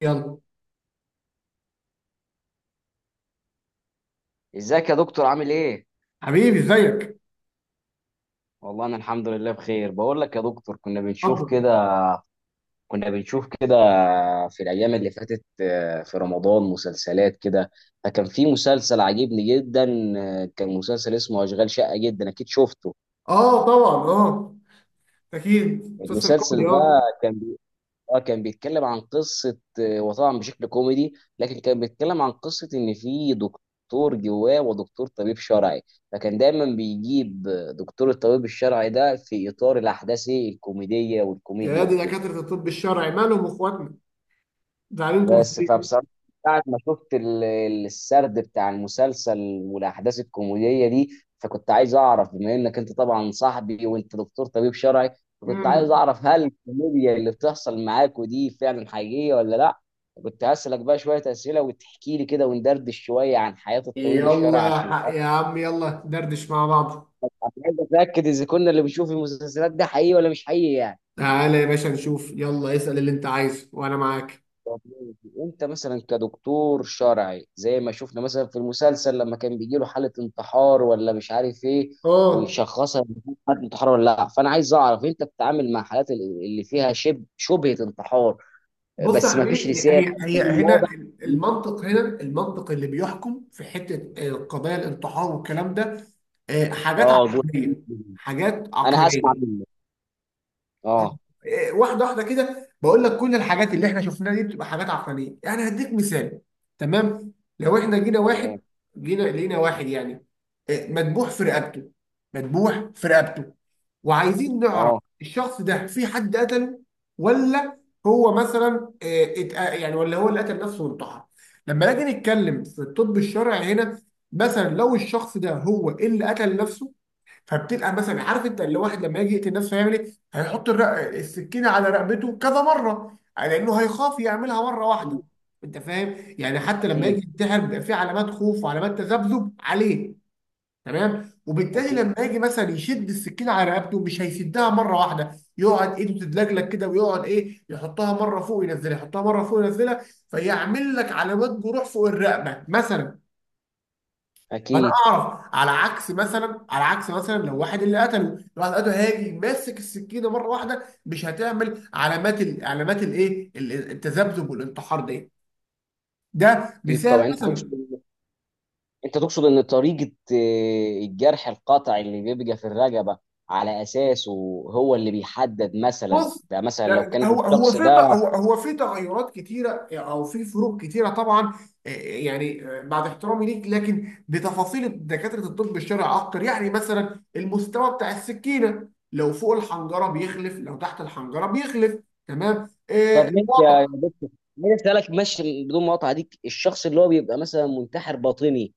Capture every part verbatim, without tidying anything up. يلا ازيك يا دكتور عامل ايه؟ حبيبي، ازيك؟ والله انا الحمد لله بخير، بقول لك يا دكتور، كنا بنشوف اتفضل. كده كنا بنشوف كده في الايام اللي فاتت، آه، في رمضان مسلسلات كده، فكان في مسلسل عجبني جدا. آه، كان مسلسل اسمه اشغال شقة، جدا اكيد شفته. اه، طبعا، اه. اكيد مسلسل المسلسل كوميدي، ده اه. اه كان بيتكلم عن قصة، آه، وطبعا بشكل كوميدي، لكن كان بيتكلم عن قصة ان في دكتور جواه ودكتور طبيب شرعي، فكان دايما بيجيب دكتور الطبيب الشرعي ده في اطار الاحداث الكوميدية يا والكوميديا دي وكده. دكاتره الطب الشرعي، مالهم اخواتنا؟ زعلانكم في بس ايه؟ فبصراحة، بعد ما شفت ال- ال- السرد بتاع المسلسل والأحداث الكوميدية دي، فكنت عايز أعرف بما إنك أنت طبعا صاحبي وأنت دكتور طبيب شرعي، فكنت عايز امم أعرف هل الكوميديا اللي بتحصل معاك ودي فعلا حقيقية ولا لأ. كنت هسألك بقى شوية أسئلة وتحكي لي كده، وندردش شوية عن حياة الطبيب الشرعي، يلا يا عشان حق أنا يا عم، يلا دردش مع بعض. عايز أتأكد إذا كنا اللي بنشوف المسلسلات ده حقيقي ولا مش حقيقي يعني. تعالى يا باشا نشوف، يلا اسال اللي انت عايزه وانا معاك. طب ماشي. انت مثلا كدكتور شرعي، زي ما شفنا مثلا في المسلسل لما كان بيجي له حاله انتحار ولا مش عارف ايه، اه، ويشخصها إن دي حاله انتحار ولا لا، فانا عايز اعرف انت بتتعامل مع حالات ال- اللي فيها شبه شبهه انتحار بص يا بس ما فيش حبيبي، رساله هي يعني هي دليل واضح. هنا. إن في- المنطق هنا، المنطق اللي بيحكم في حته آه، قضايا الانتحار والكلام ده، آه، حاجات اه جوه. عقلانيه. حاجات انا هسمع عقلانيه. منك. اه. إيه، واحده واحده كده، بقول لك كل الحاجات اللي احنا شفناها دي بتبقى حاجات عقلانيه. يعني هديك مثال. تمام. لو احنا جينا تمام. واحد، جينا لقينا واحد يعني، إيه، مذبوح في رقبته مذبوح في رقبته، وعايزين نعرف اه. الشخص ده في حد قتله، ولا هو مثلا إيه، اتق- يعني ولا هو اللي قتل نفسه وانتحر؟ لما نيجي نتكلم في الطب الشرعي هنا، مثلا لو الشخص ده هو اللي قتل نفسه، فبتبقى مثلا عارف، انت اللي واحد لما يجي يقتل نفسه هيعمل ايه؟ هيحط الرق... السكينه على رقبته كذا مره، لانه هيخاف يعملها مره واحده. انت فاهم؟ يعني حتى لما اكيد. يجي ينتحر، بيبقى في علامات خوف وعلامات تذبذب عليه. تمام؟ وبالتالي اكيد. لما يجي مثلا يشد السكينه على رقبته، مش هيشدها مره واحده. يقعد ايده تتلجلج كده، ويقعد ايه يحطها مره فوق ينزلها، يحطها مره فوق ينزلها. فيعمل لك علامات جروح فوق الرقبه مثلا. فانا اكيد. اعرف، على عكس مثلا على عكس مثلا لو واحد اللي قتله، لو واحد قتله، هاجي ماسك السكينه مره واحده، مش هتعمل علامات ال... علامات الايه ال- التذبذب والانتحار دي. ده اكيد مثال طبعا، انت مثلا. تقصد، انت تقصد ان طريقة آه، الجرح القطع اللي بيبقى في الرقبة، على اساسه هو اللي بيحدد، مثلا بص، ده، مثلا ده لو كان ده- هو هو الشخص في ت- ده. هو هو في تغيرات كتيره، او في فروق كتيره طبعا. آه، يعني، آه، بعد احترامي ليك، لكن بتفاصيل دكاتره الطب الشرعي اكتر. يعني مثلا المستوى بتاع السكينه، لو فوق الحنجره بيخلف، لو تحت الحنجره بيخلف. تمام. طب آه، ماشي يا الوضع. يا دكتور، مين اسالك ماشي بدون مقاطعة، ديك الشخص اللي هو بيبقى مثلا منتحر باطني،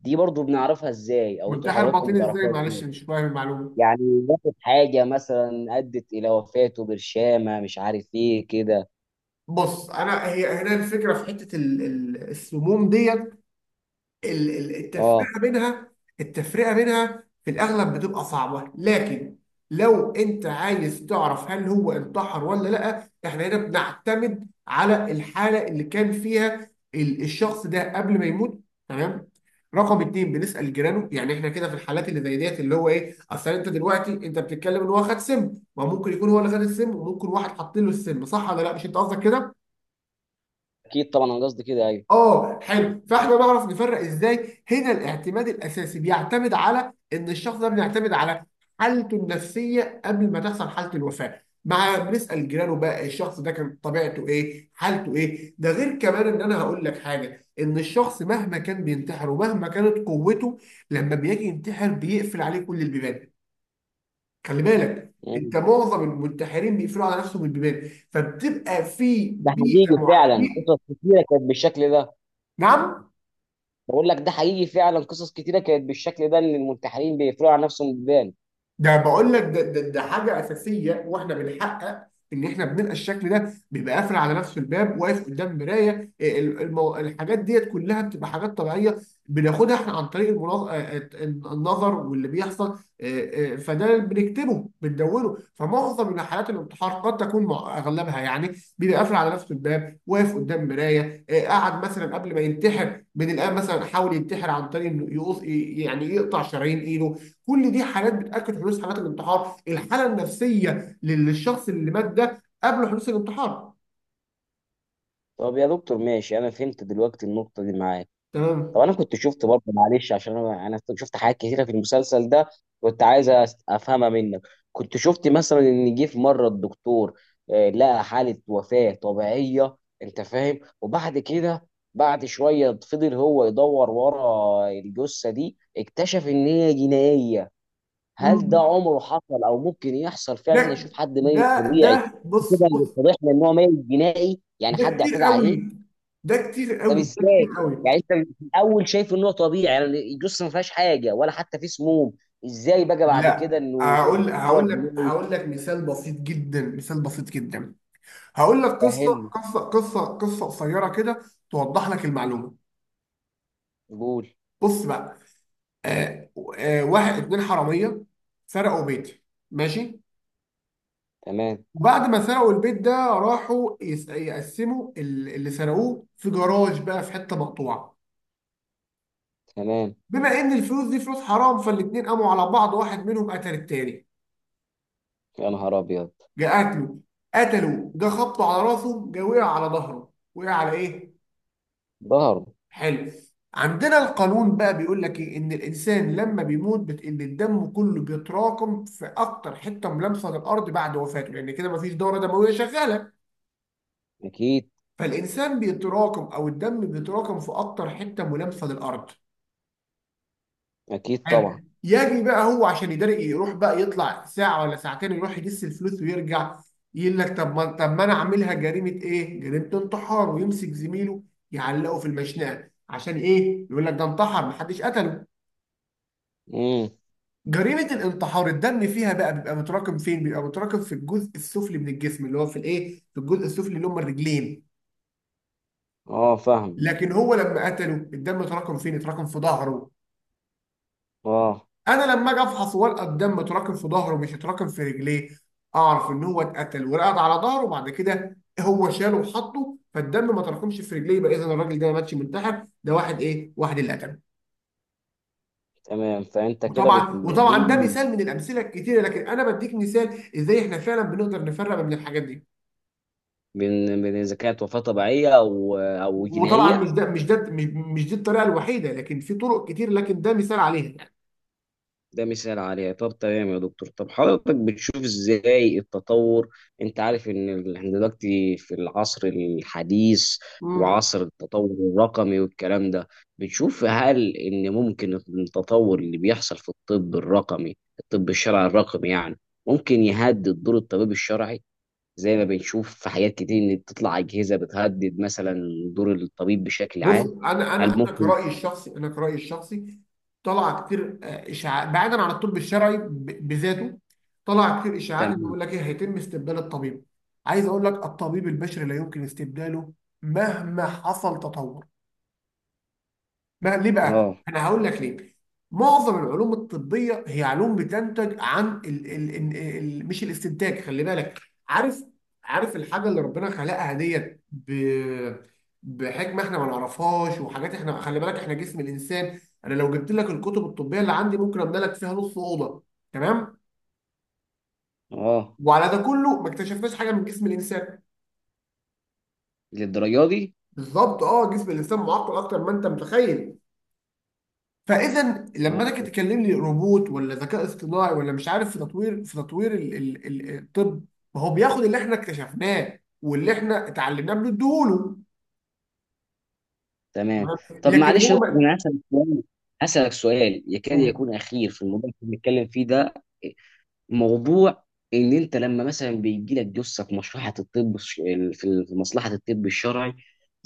دي برضو بنعرفها ازاي، او انتوا منتحر حضراتكم باطني ازاي؟ بتعرفوها معلش، ازاي؟ مش فاهم المعلومه. يعني واخد حاجة مثلا ادت الى وفاته، برشامة مش عارف ايه كده. بص، انا هي هنا الفكره في حته ال- ال- السموم ديت، ال- ال- اه التفرقه بينها. التفرقه بينها في الاغلب بتبقى صعبه، لكن لو انت عايز تعرف هل هو انتحر ولا لا، احنا هنا بنعتمد على الحاله اللي كان فيها ال- الشخص ده قبل ما يموت. تمام. رقم اتنين، بنسال جيرانه. يعني احنا كده في الحالات اللي زي ديت اللي هو ايه، اصل انت دلوقتي انت بتتكلم ان هو خد سم. ما ممكن يكون هو اللي خد السم، وممكن واحد حاطين له السم، صح ولا لا؟ مش انت قصدك كده؟ اكيد طبعا، انا قصدي كده ايوه. اه، حلو، فاحنا نعرف نفرق ازاي. هنا الاعتماد الاساسي بيعتمد على ان الشخص ده، بيعتمد على حالته النفسيه قبل ما تحصل حاله الوفاه. مع بنسال جيرانه بقى الشخص ده كان طبيعته ايه، حالته ايه؟ ده غير كمان ان انا هقول لك حاجه، ان الشخص مهما كان بينتحر، ومهما كانت قوته، لما بيجي ينتحر بيقفل عليه كل البيبان. خلي بالك مم. انت، معظم المنتحرين بيقفلوا على نفسهم البيبان، فبتبقى في ده بيئه حقيقي مع... فعلا، بيئة- قصص كتيرة كانت بالشكل ده. نعم. بقول لك ده حقيقي فعلا، قصص كتيره كانت بالشكل ده، ان المنتحرين بيقفلوا على نفسهم بيبان. ده بقول لك، ده, ده, ده حاجه اساسيه، واحنا بنحقق ان احنا بنلقى الشكل ده بيبقى قافل على نفسه الباب، واقف قدام مرايه. آه، ال- المو... الحاجات ديت كلها بتبقى حاجات طبيعيه. بناخدها احنا عن طريق المناظ... النظر، واللي بيحصل آه، آه، فده بنكتبه بندونه. فمعظم من حالات الانتحار قد تكون مع اغلبها، يعني بيبقى قافل على نفسه الباب، واقف قدام مرايه. آه، قعد مثلا قبل ما ينتحر من الان، مثلا حاول ينتحر عن طريق انه يقص، يعني يقطع شرايين ايده. كل دي حالات بتاكد حدوث حالات الانتحار، الحاله النفسيه لل- للشخص اللي مات ده قبل حدوث الانتحار. طب يا دكتور ماشي، انا فهمت دلوقتي النقطه دي معاك. تمام. طب انا كنت شفت برضه، معلش، عشان انا انا شفت حاجات كتيره في المسلسل ده، كنت عايز أس- افهمها منك. كنت شفت مثلا ان جه في مره الدكتور، آه، لقى حاله وفاه طبيعيه، انت فاهم، وبعد كده بعد شويه فضل هو يدور ورا الجثه دي، اكتشف ان هي جنائيه. هل ده مم. عمره حصل او ممكن يحصل فعلا، ده احنا نشوف حد ميت ده ده طبيعي بص كده، اللي بص، اتضح لنا ان هو ميت جنائي يعني ده حد كتير اعتدى عليه؟ قوي، ده كتير طب قوي، ده ازاي؟ كتير قوي. يعني انت في الاول شايف ان هو طبيعي، يعني الجثه ما فيهاش حاجه ولا حتى في سموم، ازاي بقى بعد كده لا، انه هقول تحول هقول لك جنائي؟ هقول لك مثال بسيط جدا، مثال بسيط جدا. هقول لك قصه فهمني. قصه قصه قصه قصيره كده، توضح لك المعلومه. قول. بص بقى. آه آه واحد اتنين حراميه سرقوا بيتي، ماشي. تمام. وبعد ما سرقوا البيت ده، راحوا يس- يقسموا ال- اللي سرقوه في جراج بقى، في حته مقطوعه. تمام. بما ان الفلوس دي فلوس حرام، فالاتنين قاموا على بعض، واحد منهم قتل التاني. يا نهار ابيض. جه قتله. قتله، جه خبطه على راسه، جه وقع على ظهره، وقع على ايه؟ ظهر. حلف عندنا القانون بقى بيقول لك ايه، ان الانسان لما بيموت بت... ان الدم كله بيتراكم في اكتر حته ملامسه للارض بعد وفاته، لان كده مفيش دوره دمويه شغاله. اكيد. فالانسان بيتراكم، او الدم بيتراكم في اكتر حته ملامسه للارض. اكيد حلو. طبعا. يجي بقى هو عشان يداري، يروح بقى يطلع ساعه ولا ساعتين، يروح يجس الفلوس ويرجع. يقول لك، طب ما طب ما انا عاملها جريمه ايه؟ جريمه انتحار، ويمسك زميله يعلقه في المشنقه عشان ايه؟ يقول لك ده انتحر، محدش قتله. امم. جريمه الانتحار الدم فيها بقى بيبقى متراكم فين؟ بيبقى متراكم في الجزء السفلي من الجسم، اللي هو في الايه؟ في الجزء السفلي اللي هم الرجلين. اه فاهم. لكن هو لما قتله، الدم اتراكم فين؟ اتراكم في ظهره. اه. انا لما اجي افحص ورقه، الدم اتراكم في ظهره، مش اتراكم في رجليه. اعرف ان هو اتقتل ورقد على ظهره، وبعد كده هو شاله وحطه، فالدم ما تراكمش في رجليه. يبقى اذا الراجل ده ما ماتش منتحر، ده واحد ايه واحد اللي قتله. تمام، فانت كده بت... وطبعا دي، وطبعا ده مثال من الامثله الكتيره، لكن انا بديك مثال ازاي احنا فعلا بنقدر نفرق بين الحاجات دي. بين بين اذا كانت وفاه طبيعيه او او وطبعا جنائيه. مش ده مش ده مش, مش دي الطريقه الوحيده، لكن في طرق كتير، لكن ده مثال عليها يعني. ده مثال عليها. طب تمام يا دكتور، طب حضرتك بتشوف ازاي التطور، انت عارف ان ال- احنا دلوقتي في العصر الحديث، مم. وعصر التطور الرقمي والكلام ده. بتشوف هل ان ممكن التطور اللي بيحصل في الطب الرقمي، الطب الشرعي الرقمي يعني، ممكن يهدد دور الطبيب الشرعي، زي ما بنشوف في حاجات كتير ان بتطلع اجهزه بتهدد مثلا دور الطبيب بشكل بص، عام؟ انا هل انا انا ممكن؟ كرايي الشخصي انا كرايي الشخصي طلع كتير آه، اشاعات بعيدا عن الطب الشرعي ب- بذاته. طلع كتير اشاعات تمام. بيقول لك ايه، هيتم استبدال الطبيب. عايز اقول لك، الطبيب البشري لا يمكن استبداله مهما حصل تطور. بقى ليه بقى؟ اه. انا هقول لك ليه. معظم العلوم الطبيه هي علوم بتنتج عن ال ال ال ال مش الاستنتاج، خلي بالك. عارف عارف الحاجه اللي ربنا خلقها ديت ب بحكمه، احنا ما نعرفهاش. وحاجات، احنا خلي بالك احنا جسم الانسان، انا لو جبت لك الكتب الطبيه اللي عندي ممكن املى لك فيها نص اوضه. تمام؟ اه، وعلى ده كله ما اكتشفناش حاجه من جسم الانسان. للدرجه دي. بالظبط، اه، جسم الانسان معقد اكتر ما انت متخيل. فاذا لما انا كنت آه. تكلم لي روبوت ولا ذكاء اصطناعي ولا مش عارف، في تطوير في تطوير ال ال ال الطب، ما هو بياخد اللي احنا اكتشفناه واللي احنا اتعلمناه بنديهوله. تمام. تمام؟ طب لكن معلش يا هو دكتور، ما... انا هسألك سؤال، هسألك سؤال يكاد يكون اخير في الموضوع اللي بنتكلم فيه ده، موضوع ان انت لما مثلا بيجي لك جثه في مصلحه الطب الش- في في مصلحه الطب الشرعي،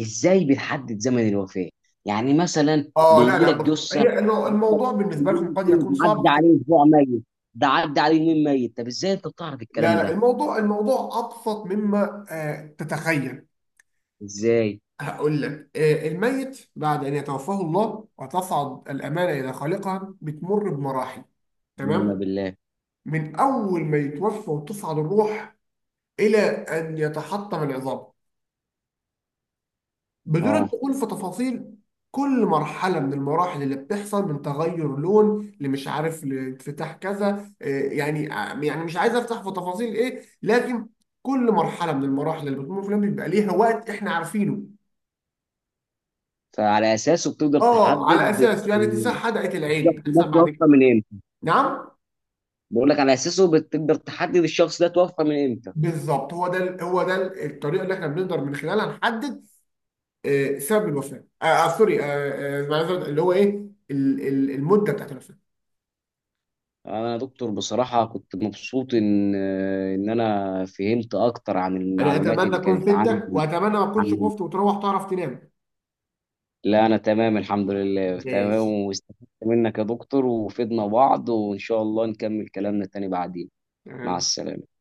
ازاي بتحدد زمن الوفاه؟ يعني مثلا اه، لا بيجي لا، لك بص جثه، هي الم- الموضوع بالنسبه بيقول لكم لك قد إيه، يكون ده صعب، عدى لكن عليه اسبوع ميت، ده عدى عليه يومين ميت، طب ازاي انت بتعرف لا الكلام لا، ده؟ الموضوع الموضوع ابسط مما آه تتخيل. ازاي؟ هقول لك، آه الميت بعد ان يتوفاه الله وتصعد الامانه الى خالقها بتمر بمراحل. بالله تمام. بالله. من أول ما يتوفى وتصعد الروح، إلى أن يتحطم العظام، بدون اه، الدخول في تفاصيل. كل مرحلة من المراحل اللي بتحصل من تغير لون لمش عارف لانفتاح كذا، آه، يعني، آه، يعني مش عايز أفتح في تفاصيل، إيه لكن كل مرحلة من المراحل اللي بتمر في اليوم بيبقى ليها وقت إحنا عارفينه. فعلى اساسه بتقدر آه على تحدد أساس يعني اتساع حدقة العين الشخص ده بتحصل بعد كده. توفى من امتى؟ نعم. بقول لك على اساسه بتقدر تحدد الشخص ده توفى من امتى. بالظبط، هو ده هو ده الطريقة اللي إحنا بنقدر من خلالها نحدد آه، سبب الوفاه. آه آه سوري، آه آه أنا عايز أقول اللي هو ايه، ال- ال- المده بتاعت الوفاه. انا يا دكتور بصراحه كنت مبسوط ان ان انا فهمت اكتر عن انا المعلومات اتمنى اللي اكون كانت فدتك، عندي. واتمنى ما اكونش عن، خفت وتروح تعرف تنام. لا انا تمام الحمد لله، تمام ماشي، واستفدت منك يا دكتور، وفدنا بعض، وان شاء الله نكمل كلامنا تاني بعدين. مع تمام. السلامه.